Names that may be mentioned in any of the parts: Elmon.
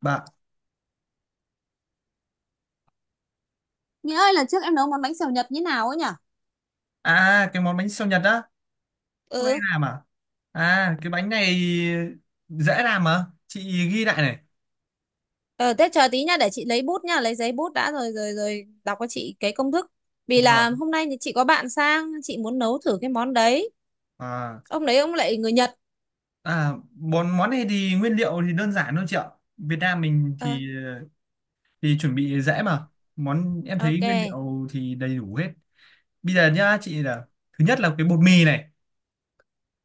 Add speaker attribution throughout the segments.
Speaker 1: Bà
Speaker 2: Nghĩa ơi, lần trước em nấu món bánh xèo Nhật như nào ấy nhỉ?
Speaker 1: à cái món bánh xèo Nhật á, hôm nay
Speaker 2: Ừ,
Speaker 1: làm à? À, cái bánh này dễ làm mà, chị ghi lại này.
Speaker 2: ờ, thế chờ tí nha, để chị lấy bút nha, lấy giấy bút đã rồi rồi rồi đọc cho chị cái công thức. Vì
Speaker 1: Vâng.
Speaker 2: là hôm nay thì chị có bạn sang, chị muốn nấu thử cái món đấy.
Speaker 1: À,
Speaker 2: Ông đấy ông lại người Nhật.
Speaker 1: à món món này thì nguyên liệu thì đơn giản thôi chị ạ. Việt Nam mình
Speaker 2: Ờ,
Speaker 1: thì chuẩn bị dễ mà. Món em thấy nguyên
Speaker 2: ok.
Speaker 1: liệu thì đầy đủ hết. Bây giờ nhá, chị là thứ nhất là cái bột mì này.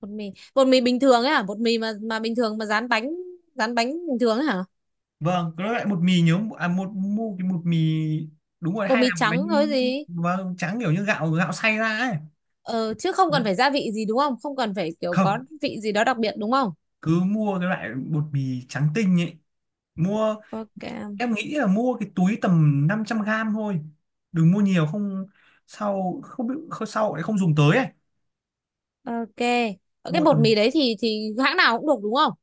Speaker 2: Bột mì, bột mì bình thường ấy hả? Bột mì mà bình thường mà rán bánh bình thường ấy hả?
Speaker 1: Vâng, cái loại bột mì nhớ à một mua cái bột mì, đúng rồi
Speaker 2: Bột
Speaker 1: hay
Speaker 2: mì
Speaker 1: làm cái
Speaker 2: trắng
Speaker 1: bánh,
Speaker 2: thôi gì?
Speaker 1: vâng trắng kiểu như gạo gạo xay ra ấy.
Speaker 2: Ờ, chứ không
Speaker 1: Đấy.
Speaker 2: cần phải gia vị gì đúng không? Không cần phải kiểu có
Speaker 1: Không,
Speaker 2: vị gì đó đặc biệt đúng không?
Speaker 1: cứ mua cái loại bột mì trắng tinh ấy, mua
Speaker 2: Ok,
Speaker 1: em nghĩ là mua cái túi tầm 500 gram thôi, đừng mua nhiều không sau không biết không- sau lại không dùng tới ấy.
Speaker 2: ok. Ờ, cái
Speaker 1: Mua
Speaker 2: bột mì
Speaker 1: tầm
Speaker 2: đấy thì hãng nào cũng được đúng không?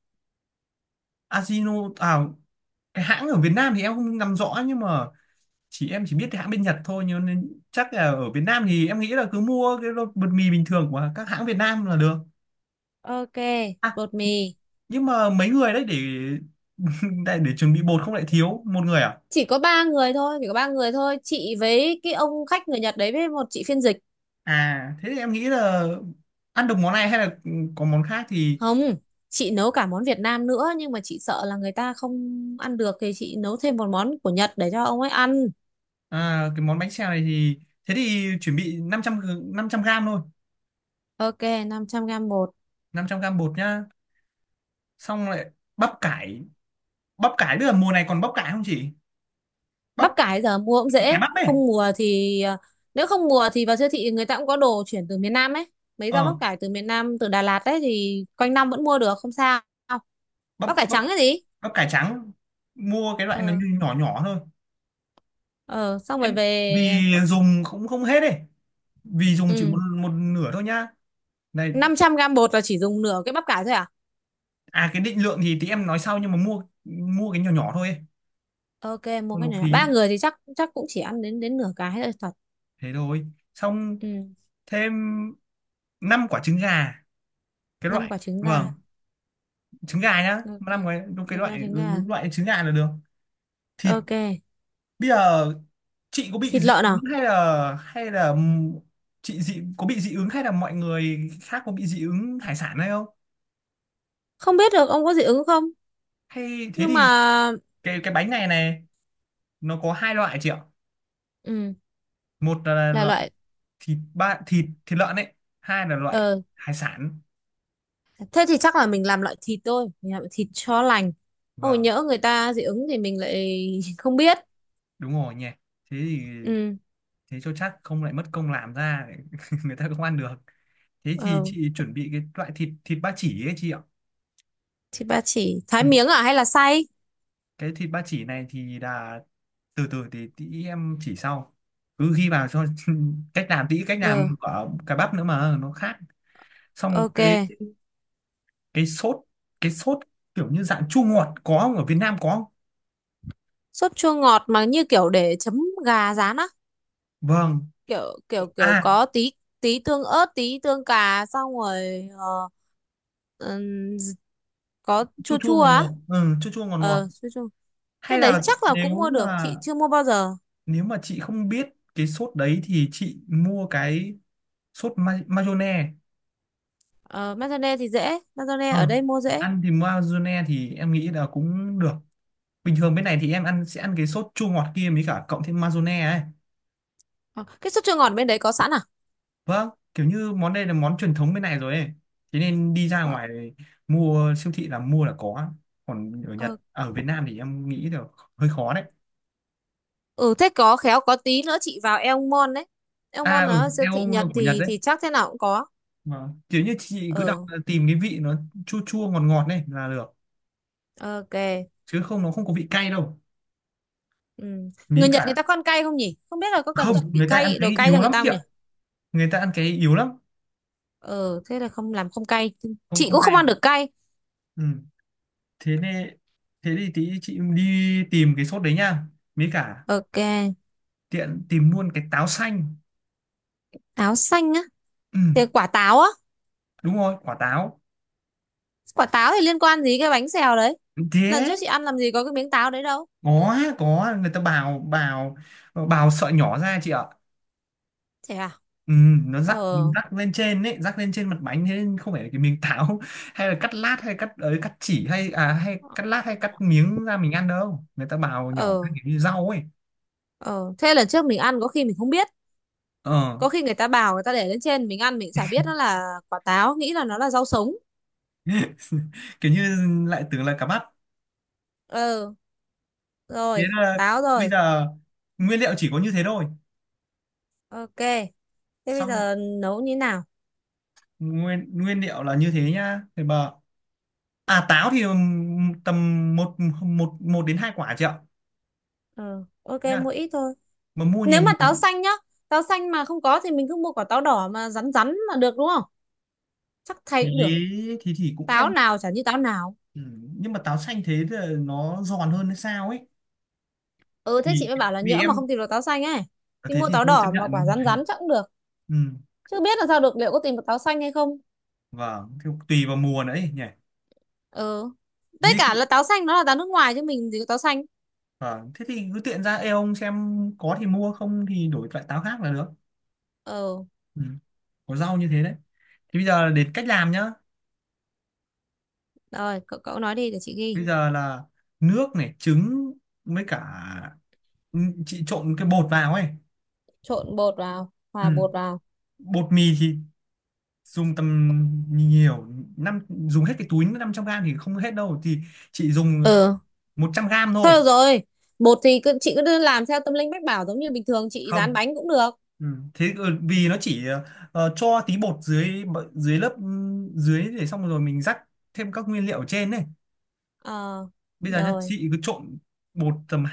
Speaker 1: Ajino à, cái hãng ở Việt Nam thì em không nắm rõ nhưng mà em chỉ biết cái hãng bên Nhật thôi nhưng nên chắc là ở Việt Nam thì em nghĩ là cứ mua cái bột mì bình thường của các hãng Việt Nam là được.
Speaker 2: Ok,
Speaker 1: À,
Speaker 2: bột mì.
Speaker 1: nhưng mà mấy người đấy để để, chuẩn bị bột không lại thiếu một người à.
Speaker 2: Chỉ có 3 người thôi, chỉ có ba người thôi. Chị với cái ông khách người Nhật đấy với một chị phiên dịch.
Speaker 1: À, thế thì em nghĩ là ăn được món này hay là có món khác thì,
Speaker 2: Không, chị nấu cả món Việt Nam nữa nhưng mà chị sợ là người ta không ăn được thì chị nấu thêm một món của Nhật để cho ông ấy ăn.
Speaker 1: à, cái món bánh xèo này thì thế thì chuẩn bị 500 500 gram thôi,
Speaker 2: Ok, 500 gram bột.
Speaker 1: 500 gram bột nhá. Xong lại bắp cải, bắp cải bây giờ mùa này còn bắp cải không chị?
Speaker 2: Bắp
Speaker 1: Bắp
Speaker 2: cải giờ mua cũng
Speaker 1: cải
Speaker 2: dễ,
Speaker 1: bắp ấy.
Speaker 2: không mùa thì à, nếu không mùa thì vào siêu thị người ta cũng có đồ chuyển từ miền Nam ấy. Mấy rau bắp
Speaker 1: Ờ,
Speaker 2: cải từ miền Nam, từ Đà Lạt ấy thì quanh năm vẫn mua được, không sao.
Speaker 1: bắp
Speaker 2: Bắp cải
Speaker 1: bắp
Speaker 2: trắng cái gì?
Speaker 1: bắp cải trắng. Mua cái loại nó
Speaker 2: Ờ,
Speaker 1: nhỏ nhỏ thôi.
Speaker 2: ờ, xong rồi
Speaker 1: Em
Speaker 2: về.
Speaker 1: vì dùng cũng không hết ấy. Vì dùng chỉ một
Speaker 2: Ừ,
Speaker 1: một nửa thôi nhá. Này,
Speaker 2: 500 gam bột là chỉ dùng nửa cái bắp cải thôi à?
Speaker 1: à cái định lượng thì tí em nói sau nhưng mà mua mua cái nhỏ nhỏ thôi ấy,
Speaker 2: Ok, mua
Speaker 1: không
Speaker 2: cái
Speaker 1: nó
Speaker 2: này.
Speaker 1: phí.
Speaker 2: 3 người thì chắc chắc cũng chỉ ăn đến đến nửa cái thôi thật.
Speaker 1: Thế thôi, xong
Speaker 2: Ừ,
Speaker 1: thêm 5 quả trứng gà cái
Speaker 2: 5
Speaker 1: loại,
Speaker 2: quả trứng
Speaker 1: vâng
Speaker 2: gà.
Speaker 1: trứng gà nhá
Speaker 2: Ok.
Speaker 1: năm cái đúng cái
Speaker 2: Ok,
Speaker 1: loại
Speaker 2: trứng gà.
Speaker 1: đúng loại trứng gà là được. Thì
Speaker 2: Ok.
Speaker 1: bây giờ chị có bị
Speaker 2: Thịt
Speaker 1: dị
Speaker 2: lợn
Speaker 1: ứng
Speaker 2: à?
Speaker 1: hay là chị có bị dị ứng hay là mọi người khác có bị dị ứng hải sản hay không,
Speaker 2: Không biết được ông có dị ứng không?
Speaker 1: hay thế
Speaker 2: Nhưng mà
Speaker 1: thì cái bánh này này nó có hai loại chị ạ,
Speaker 2: ừ,
Speaker 1: một là
Speaker 2: là
Speaker 1: loại
Speaker 2: loại,
Speaker 1: thịt ba thịt thịt lợn ấy, hai là loại
Speaker 2: ờ
Speaker 1: hải sản.
Speaker 2: thế thì chắc là mình làm loại thịt thôi, mình làm thịt cho lành. Ôi
Speaker 1: Vâng,
Speaker 2: nhỡ người ta dị ứng thì mình lại không biết.
Speaker 1: đúng rồi nhỉ, thế thì
Speaker 2: Ừ.
Speaker 1: thế cho chắc không lại mất công làm ra người ta không ăn được, thế thì
Speaker 2: Ờ,
Speaker 1: chị chuẩn bị cái loại thịt thịt ba chỉ ấy chị ạ.
Speaker 2: thịt ba chỉ
Speaker 1: Ừ.
Speaker 2: thái miếng à hay là xay?
Speaker 1: Cái thịt ba chỉ này thì là từ từ thì tí em chỉ sau, cứ ghi vào cho cách làm, tí cách làm
Speaker 2: Ừ,
Speaker 1: của cà bắp nữa mà nó khác. Xong
Speaker 2: ok.
Speaker 1: cái cái sốt cái sốt kiểu như dạng chua ngọt, có không, ở Việt Nam có không?
Speaker 2: Sốt chua ngọt mà như kiểu để chấm gà rán á.
Speaker 1: Vâng,
Speaker 2: Kiểu kiểu kiểu
Speaker 1: à
Speaker 2: có tí tí tương ớt, tí tương cà, xong rồi ờ, ừm, có
Speaker 1: chua
Speaker 2: chua
Speaker 1: chua
Speaker 2: chua
Speaker 1: ngọt
Speaker 2: á,
Speaker 1: ngọt, ừ, chua chua ngọt ngọt,
Speaker 2: ờ chua chua. Cái
Speaker 1: hay
Speaker 2: đấy
Speaker 1: là
Speaker 2: chắc là cũng
Speaker 1: nếu
Speaker 2: mua được,
Speaker 1: mà,
Speaker 2: chị chưa mua bao giờ.
Speaker 1: nếu mà chị không biết cái sốt đấy thì chị mua cái sốt mayonnaise
Speaker 2: Ờ mayonnaise thì dễ, mayonnaise ở
Speaker 1: ờ,
Speaker 2: đây mua dễ.
Speaker 1: ăn thì mayonnaise thì em nghĩ là cũng được, bình thường bên này thì em ăn sẽ ăn cái sốt chua ngọt kia mới cả cộng thêm mayonnaise ấy.
Speaker 2: Ờ, cái sốt chua ngọt bên đấy có sẵn à?
Speaker 1: Vâng, kiểu như món đây là món truyền thống bên này rồi ấy, thế nên đi ra
Speaker 2: Ờ,
Speaker 1: ngoài mua siêu thị là mua là có, còn ở Nhật
Speaker 2: ờ.
Speaker 1: à, ở Việt Nam thì em nghĩ là hơi khó đấy.
Speaker 2: Ừ thế có khéo có tí nữa chị vào Elmon đấy.
Speaker 1: À
Speaker 2: Elmon
Speaker 1: ừ,
Speaker 2: là siêu thị
Speaker 1: eo là
Speaker 2: Nhật
Speaker 1: của Nhật
Speaker 2: thì
Speaker 1: đấy.
Speaker 2: chắc thế nào cũng có.
Speaker 1: Vâng, kiểu như chị cứ đọc
Speaker 2: Ờ,
Speaker 1: là tìm cái vị nó chua chua ngọt ngọt này là được,
Speaker 2: ok.
Speaker 1: chứ không nó không có vị cay đâu,
Speaker 2: Ừ.
Speaker 1: mí
Speaker 2: Người Nhật người ta
Speaker 1: cả,
Speaker 2: có ăn cay không nhỉ, không biết là có cần phải
Speaker 1: không
Speaker 2: chuẩn bị
Speaker 1: người ta ăn
Speaker 2: cay, đồ
Speaker 1: cái
Speaker 2: cay cho
Speaker 1: yếu
Speaker 2: người
Speaker 1: lắm
Speaker 2: ta
Speaker 1: chị
Speaker 2: không nhỉ?
Speaker 1: ạ, người ta ăn cái yếu lắm,
Speaker 2: Ờ thế là không làm không cay.
Speaker 1: không
Speaker 2: Chị
Speaker 1: không
Speaker 2: cũng không
Speaker 1: cay.
Speaker 2: ăn được cay.
Speaker 1: Ừ. Thế nên thế thì tí chị đi tìm cái sốt đấy nha, mí cả
Speaker 2: Ok.
Speaker 1: tiện tìm luôn cái táo xanh.
Speaker 2: Táo xanh á?
Speaker 1: Ừ.
Speaker 2: Thì quả táo á?
Speaker 1: Đúng rồi quả táo,
Speaker 2: Quả táo thì liên quan gì cái bánh xèo đấy, lần
Speaker 1: thế
Speaker 2: trước chị ăn làm gì có cái miếng táo đấy đâu.
Speaker 1: có người ta bào bào bào sợi nhỏ ra chị ạ.
Speaker 2: Thế à?
Speaker 1: Ừ, nó
Speaker 2: Ờ.
Speaker 1: rắc, rắc lên trên ấy, rắc lên trên mặt bánh, thế nên không phải là cái miếng táo hay là cắt lát hay cắt ấy, cắt chỉ hay à hay cắt lát hay cắt miếng ra mình ăn đâu, người ta bào nhỏ cái
Speaker 2: Ờ,
Speaker 1: kiểu như rau ấy.
Speaker 2: ờ thế lần trước mình ăn có khi mình không biết,
Speaker 1: Ờ,
Speaker 2: có khi người ta bảo người ta để lên trên mình ăn mình chả biết nó là quả táo, nghĩ là nó là rau sống.
Speaker 1: kiểu như lại tưởng là cá mắt.
Speaker 2: Ờ,
Speaker 1: Thế
Speaker 2: rồi
Speaker 1: là
Speaker 2: táo
Speaker 1: bây
Speaker 2: rồi.
Speaker 1: giờ nguyên liệu chỉ có như thế thôi,
Speaker 2: Ok, thế bây
Speaker 1: xong
Speaker 2: giờ nấu như thế nào?
Speaker 1: nguyên nguyên liệu là như thế nhá, thì bà à táo thì tầm một một một đến hai quả chị ạ.
Speaker 2: Ờ ok,
Speaker 1: Nhá,
Speaker 2: mua ít thôi.
Speaker 1: mà mua
Speaker 2: Nếu
Speaker 1: nhiều
Speaker 2: mà
Speaker 1: nhiều
Speaker 2: táo xanh nhá, táo xanh mà không có thì mình cứ mua quả táo đỏ mà rắn rắn là được đúng không, chắc thay
Speaker 1: thì
Speaker 2: cũng được,
Speaker 1: thì cũng
Speaker 2: táo
Speaker 1: em,
Speaker 2: nào chả như táo nào.
Speaker 1: ừ, nhưng mà táo xanh thế thì nó giòn hơn hay sao ấy,
Speaker 2: Ừ thế chị
Speaker 1: thì
Speaker 2: mới bảo là
Speaker 1: vì
Speaker 2: nhỡ mà
Speaker 1: em,
Speaker 2: không tìm được táo xanh ấy thì
Speaker 1: thế
Speaker 2: mua
Speaker 1: thì
Speaker 2: táo
Speaker 1: thôi chấp
Speaker 2: đỏ mà quả
Speaker 1: nhận
Speaker 2: rắn rắn chắc cũng được,
Speaker 1: ừ,
Speaker 2: chứ biết là sao được liệu có tìm được táo xanh hay không.
Speaker 1: vâng thì tùy vào mùa nữa ấy nhỉ.
Speaker 2: Ừ
Speaker 1: Thế,
Speaker 2: với cả là táo xanh nó là táo nước ngoài chứ mình gì có táo xanh.
Speaker 1: vâng, thế thì cứ tiện ra eo ông xem có thì mua, không thì đổi loại táo khác là được.
Speaker 2: Ừ
Speaker 1: Ừ. Có rau như thế đấy, thì bây giờ đến cách làm nhá.
Speaker 2: rồi cậu, cậu nói đi để chị ghi.
Speaker 1: Bây giờ là nước này, trứng, với cả, ừ, chị trộn cái bột vào ấy.
Speaker 2: Trộn bột vào,
Speaker 1: Ừ.
Speaker 2: hòa bột vào.
Speaker 1: Bột mì thì dùng tầm nhiều năm dùng hết cái túi 500 gram thì không hết đâu, thì chị dùng
Speaker 2: Ừ,
Speaker 1: 100 gram thôi.
Speaker 2: thôi được rồi. Bột thì cứ, chị cứ làm theo tâm linh mách bảo giống như bình thường chị rán
Speaker 1: Không,
Speaker 2: bánh cũng được.
Speaker 1: ừ, thế ờ, vì nó chỉ ờ, ờ, cho tí bột dưới, dưới lớp, ừ, dưới để xong rồi mình rắc thêm các nguyên liệu ở trên này.
Speaker 2: Ờ
Speaker 1: Bây giờ nhá
Speaker 2: rồi,
Speaker 1: chị cứ trộn bột tầm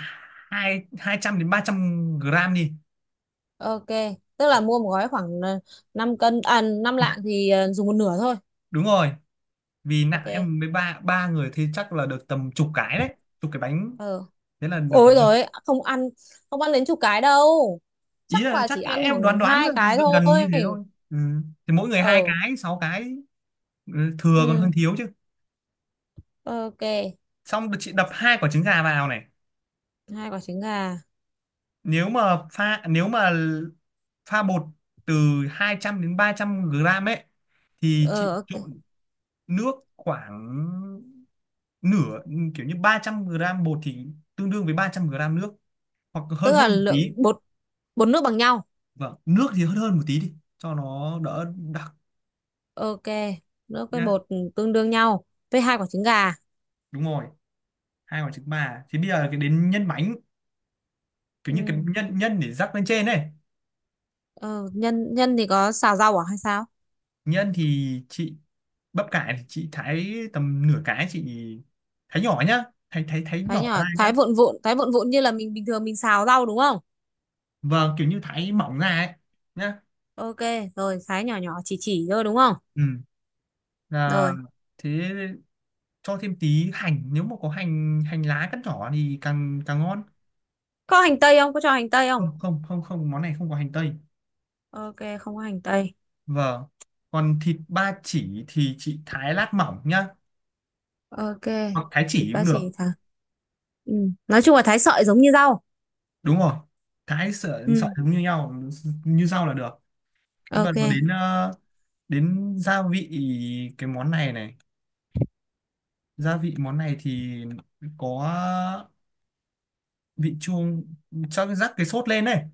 Speaker 1: hai 200 đến 300 gram đi.
Speaker 2: ok. Tức là mua một gói khoảng ờ, 5 cân à 5 lạng thì dùng một nửa thôi.
Speaker 1: Đúng rồi, vì nặng
Speaker 2: Ok.
Speaker 1: em mới ba ba người thì chắc là được tầm chục cái đấy, chục cái bánh,
Speaker 2: Ờ,
Speaker 1: thế là được
Speaker 2: ôi
Speaker 1: rồi.
Speaker 2: rồi không ăn, không ăn đến chục cái đâu.
Speaker 1: Ý
Speaker 2: Chắc
Speaker 1: là
Speaker 2: là
Speaker 1: chắc
Speaker 2: chỉ ăn
Speaker 1: em đoán
Speaker 2: khoảng
Speaker 1: đoán
Speaker 2: hai
Speaker 1: là
Speaker 2: cái
Speaker 1: gần gần như
Speaker 2: thôi.
Speaker 1: thế thôi. Ừ. Thì mỗi người hai
Speaker 2: Ờ.
Speaker 1: cái, sáu cái, ừ, thừa còn hơn
Speaker 2: Ừ,
Speaker 1: thiếu chứ.
Speaker 2: ok.
Speaker 1: Xong chị đập hai quả trứng gà vào này,
Speaker 2: Hai quả trứng gà.
Speaker 1: nếu mà pha bột từ 200 đến 300 gram ấy thì
Speaker 2: Ờ
Speaker 1: chị
Speaker 2: ok,
Speaker 1: trộn nước khoảng nửa, kiểu như 300 gram bột thì tương đương với 300 gram nước hoặc hơn
Speaker 2: tức
Speaker 1: hơn
Speaker 2: là
Speaker 1: một tí.
Speaker 2: lượng bột, bột nước bằng nhau.
Speaker 1: Vâng, nước thì hơn hơn một tí đi cho nó đỡ đặc
Speaker 2: Ok, nước với
Speaker 1: nhá.
Speaker 2: bột tương đương nhau, với 2 quả trứng gà.
Speaker 1: Đúng rồi, hai quả trứng bà, thì bây giờ cái đến nhân bánh, kiểu
Speaker 2: Ừ.
Speaker 1: như cái nhân nhân để rắc lên trên này.
Speaker 2: Ờ nhân, thì có xào rau à hay sao?
Speaker 1: Nhân thì chị bắp cải thì chị thái tầm nửa cái, chị thái nhỏ nhá, thái thái thái
Speaker 2: Thái
Speaker 1: nhỏ
Speaker 2: nhỏ,
Speaker 1: ra nhá.
Speaker 2: thái vụn vụn, thái vụn vụn như là mình bình thường mình xào rau đúng không?
Speaker 1: Vâng, kiểu như thái mỏng ra ấy nhá.
Speaker 2: Ok, rồi thái nhỏ nhỏ, chỉ thôi đúng không?
Speaker 1: Ừ là
Speaker 2: Rồi,
Speaker 1: thế, cho thêm tí hành nếu mà có hành, hành lá cắt nhỏ thì càng càng ngon.
Speaker 2: có hành tây không? Có cho hành tây không?
Speaker 1: Không không không không món này không có hành tây
Speaker 2: Ok, không có hành tây.
Speaker 1: vâng còn thịt ba chỉ thì chị thái lát mỏng nhá
Speaker 2: Ok,
Speaker 1: hoặc thái
Speaker 2: thịt
Speaker 1: chỉ
Speaker 2: ba
Speaker 1: cũng được
Speaker 2: chỉ thả. Ừ. Nói chung là thái sợi giống như rau.
Speaker 1: đúng rồi cái sợi sợi
Speaker 2: Ừ,
Speaker 1: giống như nhau, như rau là được. Nhưng mà
Speaker 2: ok.
Speaker 1: đầu đến ờ, đến gia vị, cái món này này, gia vị món này thì có vị chua, cho rắc cái sốt lên này.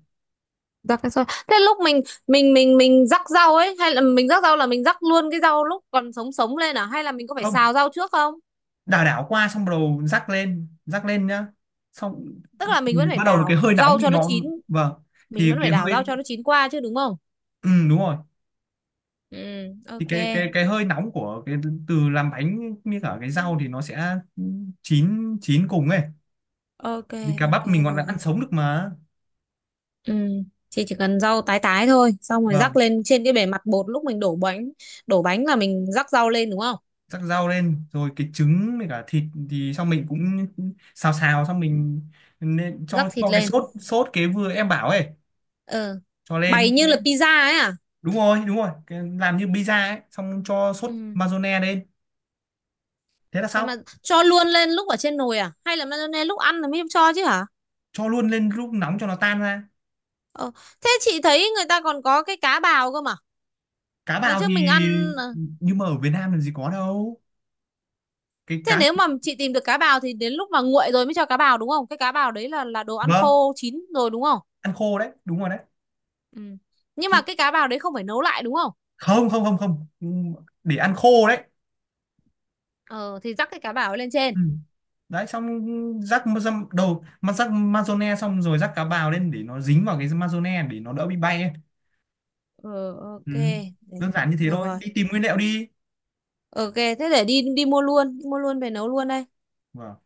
Speaker 2: Rắc cái sợi. Thế lúc mình mình rắc rau ấy, hay là mình rắc rau là mình rắc luôn cái rau lúc còn sống sống lên à, hay là mình có phải
Speaker 1: Không,
Speaker 2: xào rau trước không?
Speaker 1: đảo đảo qua xong bắt đầu rắc lên, rắc lên nhá. Xong
Speaker 2: Tức là mình
Speaker 1: thì
Speaker 2: vẫn phải
Speaker 1: bắt đầu là cái
Speaker 2: đảo
Speaker 1: hơi nóng
Speaker 2: rau
Speaker 1: thì
Speaker 2: cho nó
Speaker 1: nó,
Speaker 2: chín,
Speaker 1: vâng,
Speaker 2: mình
Speaker 1: thì
Speaker 2: vẫn
Speaker 1: cái
Speaker 2: phải đảo
Speaker 1: hơi,
Speaker 2: rau cho nó chín qua chứ đúng không?
Speaker 1: ừ, đúng rồi,
Speaker 2: Ừ,
Speaker 1: thì
Speaker 2: ok.
Speaker 1: cái hơi nóng của cái từ làm bánh như cả cái rau thì nó sẽ chín chín cùng ấy,
Speaker 2: Ok,
Speaker 1: vì cá
Speaker 2: ok
Speaker 1: bắp mình còn ăn
Speaker 2: rồi.
Speaker 1: sống được mà.
Speaker 2: Ừ. Chị chỉ cần rau tái tái thôi xong rồi rắc
Speaker 1: Vâng,
Speaker 2: lên trên cái bề mặt bột lúc mình đổ bánh, đổ bánh là mình rắc rau lên đúng không,
Speaker 1: rắc rau lên rồi cái trứng với cả thịt thì xong mình cũng xào xào xong mình nên cho
Speaker 2: rắc thịt
Speaker 1: cái
Speaker 2: lên.
Speaker 1: sốt, sốt cái vừa em bảo ấy,
Speaker 2: Ờ
Speaker 1: cho
Speaker 2: bày
Speaker 1: lên.
Speaker 2: như là pizza ấy à?
Speaker 1: Đúng rồi, đúng rồi, cái, làm như pizza ấy, xong cho sốt
Speaker 2: Ừ.
Speaker 1: mayonnaise lên, thế là
Speaker 2: Sao
Speaker 1: xong.
Speaker 2: mà cho luôn lên lúc ở trên nồi à, hay là mayonnaise lúc ăn là mới cho chứ hả?
Speaker 1: Cho luôn lên lúc nóng cho nó tan ra.
Speaker 2: Ờ. Thế chị thấy người ta còn có cái cá bào cơ mà,
Speaker 1: Cá
Speaker 2: lần
Speaker 1: bào
Speaker 2: trước
Speaker 1: thì,
Speaker 2: mình ăn. Ờ,
Speaker 1: nhưng mà ở Việt Nam làm gì có đâu, cái
Speaker 2: thế
Speaker 1: cá,
Speaker 2: nếu mà chị tìm được cá bào thì đến lúc mà nguội rồi mới cho cá bào đúng không, cái cá bào đấy là đồ ăn
Speaker 1: vâng
Speaker 2: khô, chín rồi đúng không?
Speaker 1: ăn khô đấy, đúng rồi đấy,
Speaker 2: Ừ. Nhưng mà
Speaker 1: thì
Speaker 2: cái cá bào đấy không phải nấu lại đúng không?
Speaker 1: không, không, không không để ăn khô đấy.
Speaker 2: Ờ thì dắt cái cá bảo lên trên.
Speaker 1: Ừ. Đấy xong rắc ma- dăm- đầu mà rắc mazone xong rồi rắc cá bào lên để nó dính vào cái mazone để nó đỡ bị bay ấy.
Speaker 2: Ờ
Speaker 1: Ừ.
Speaker 2: ok. Để-,
Speaker 1: Đơn giản như thế
Speaker 2: được
Speaker 1: thôi,
Speaker 2: rồi,
Speaker 1: đi tìm nguyên liệu đi.
Speaker 2: ok. Thế để đi, đi mua luôn, đi mua luôn về nấu luôn đây.
Speaker 1: Vâng.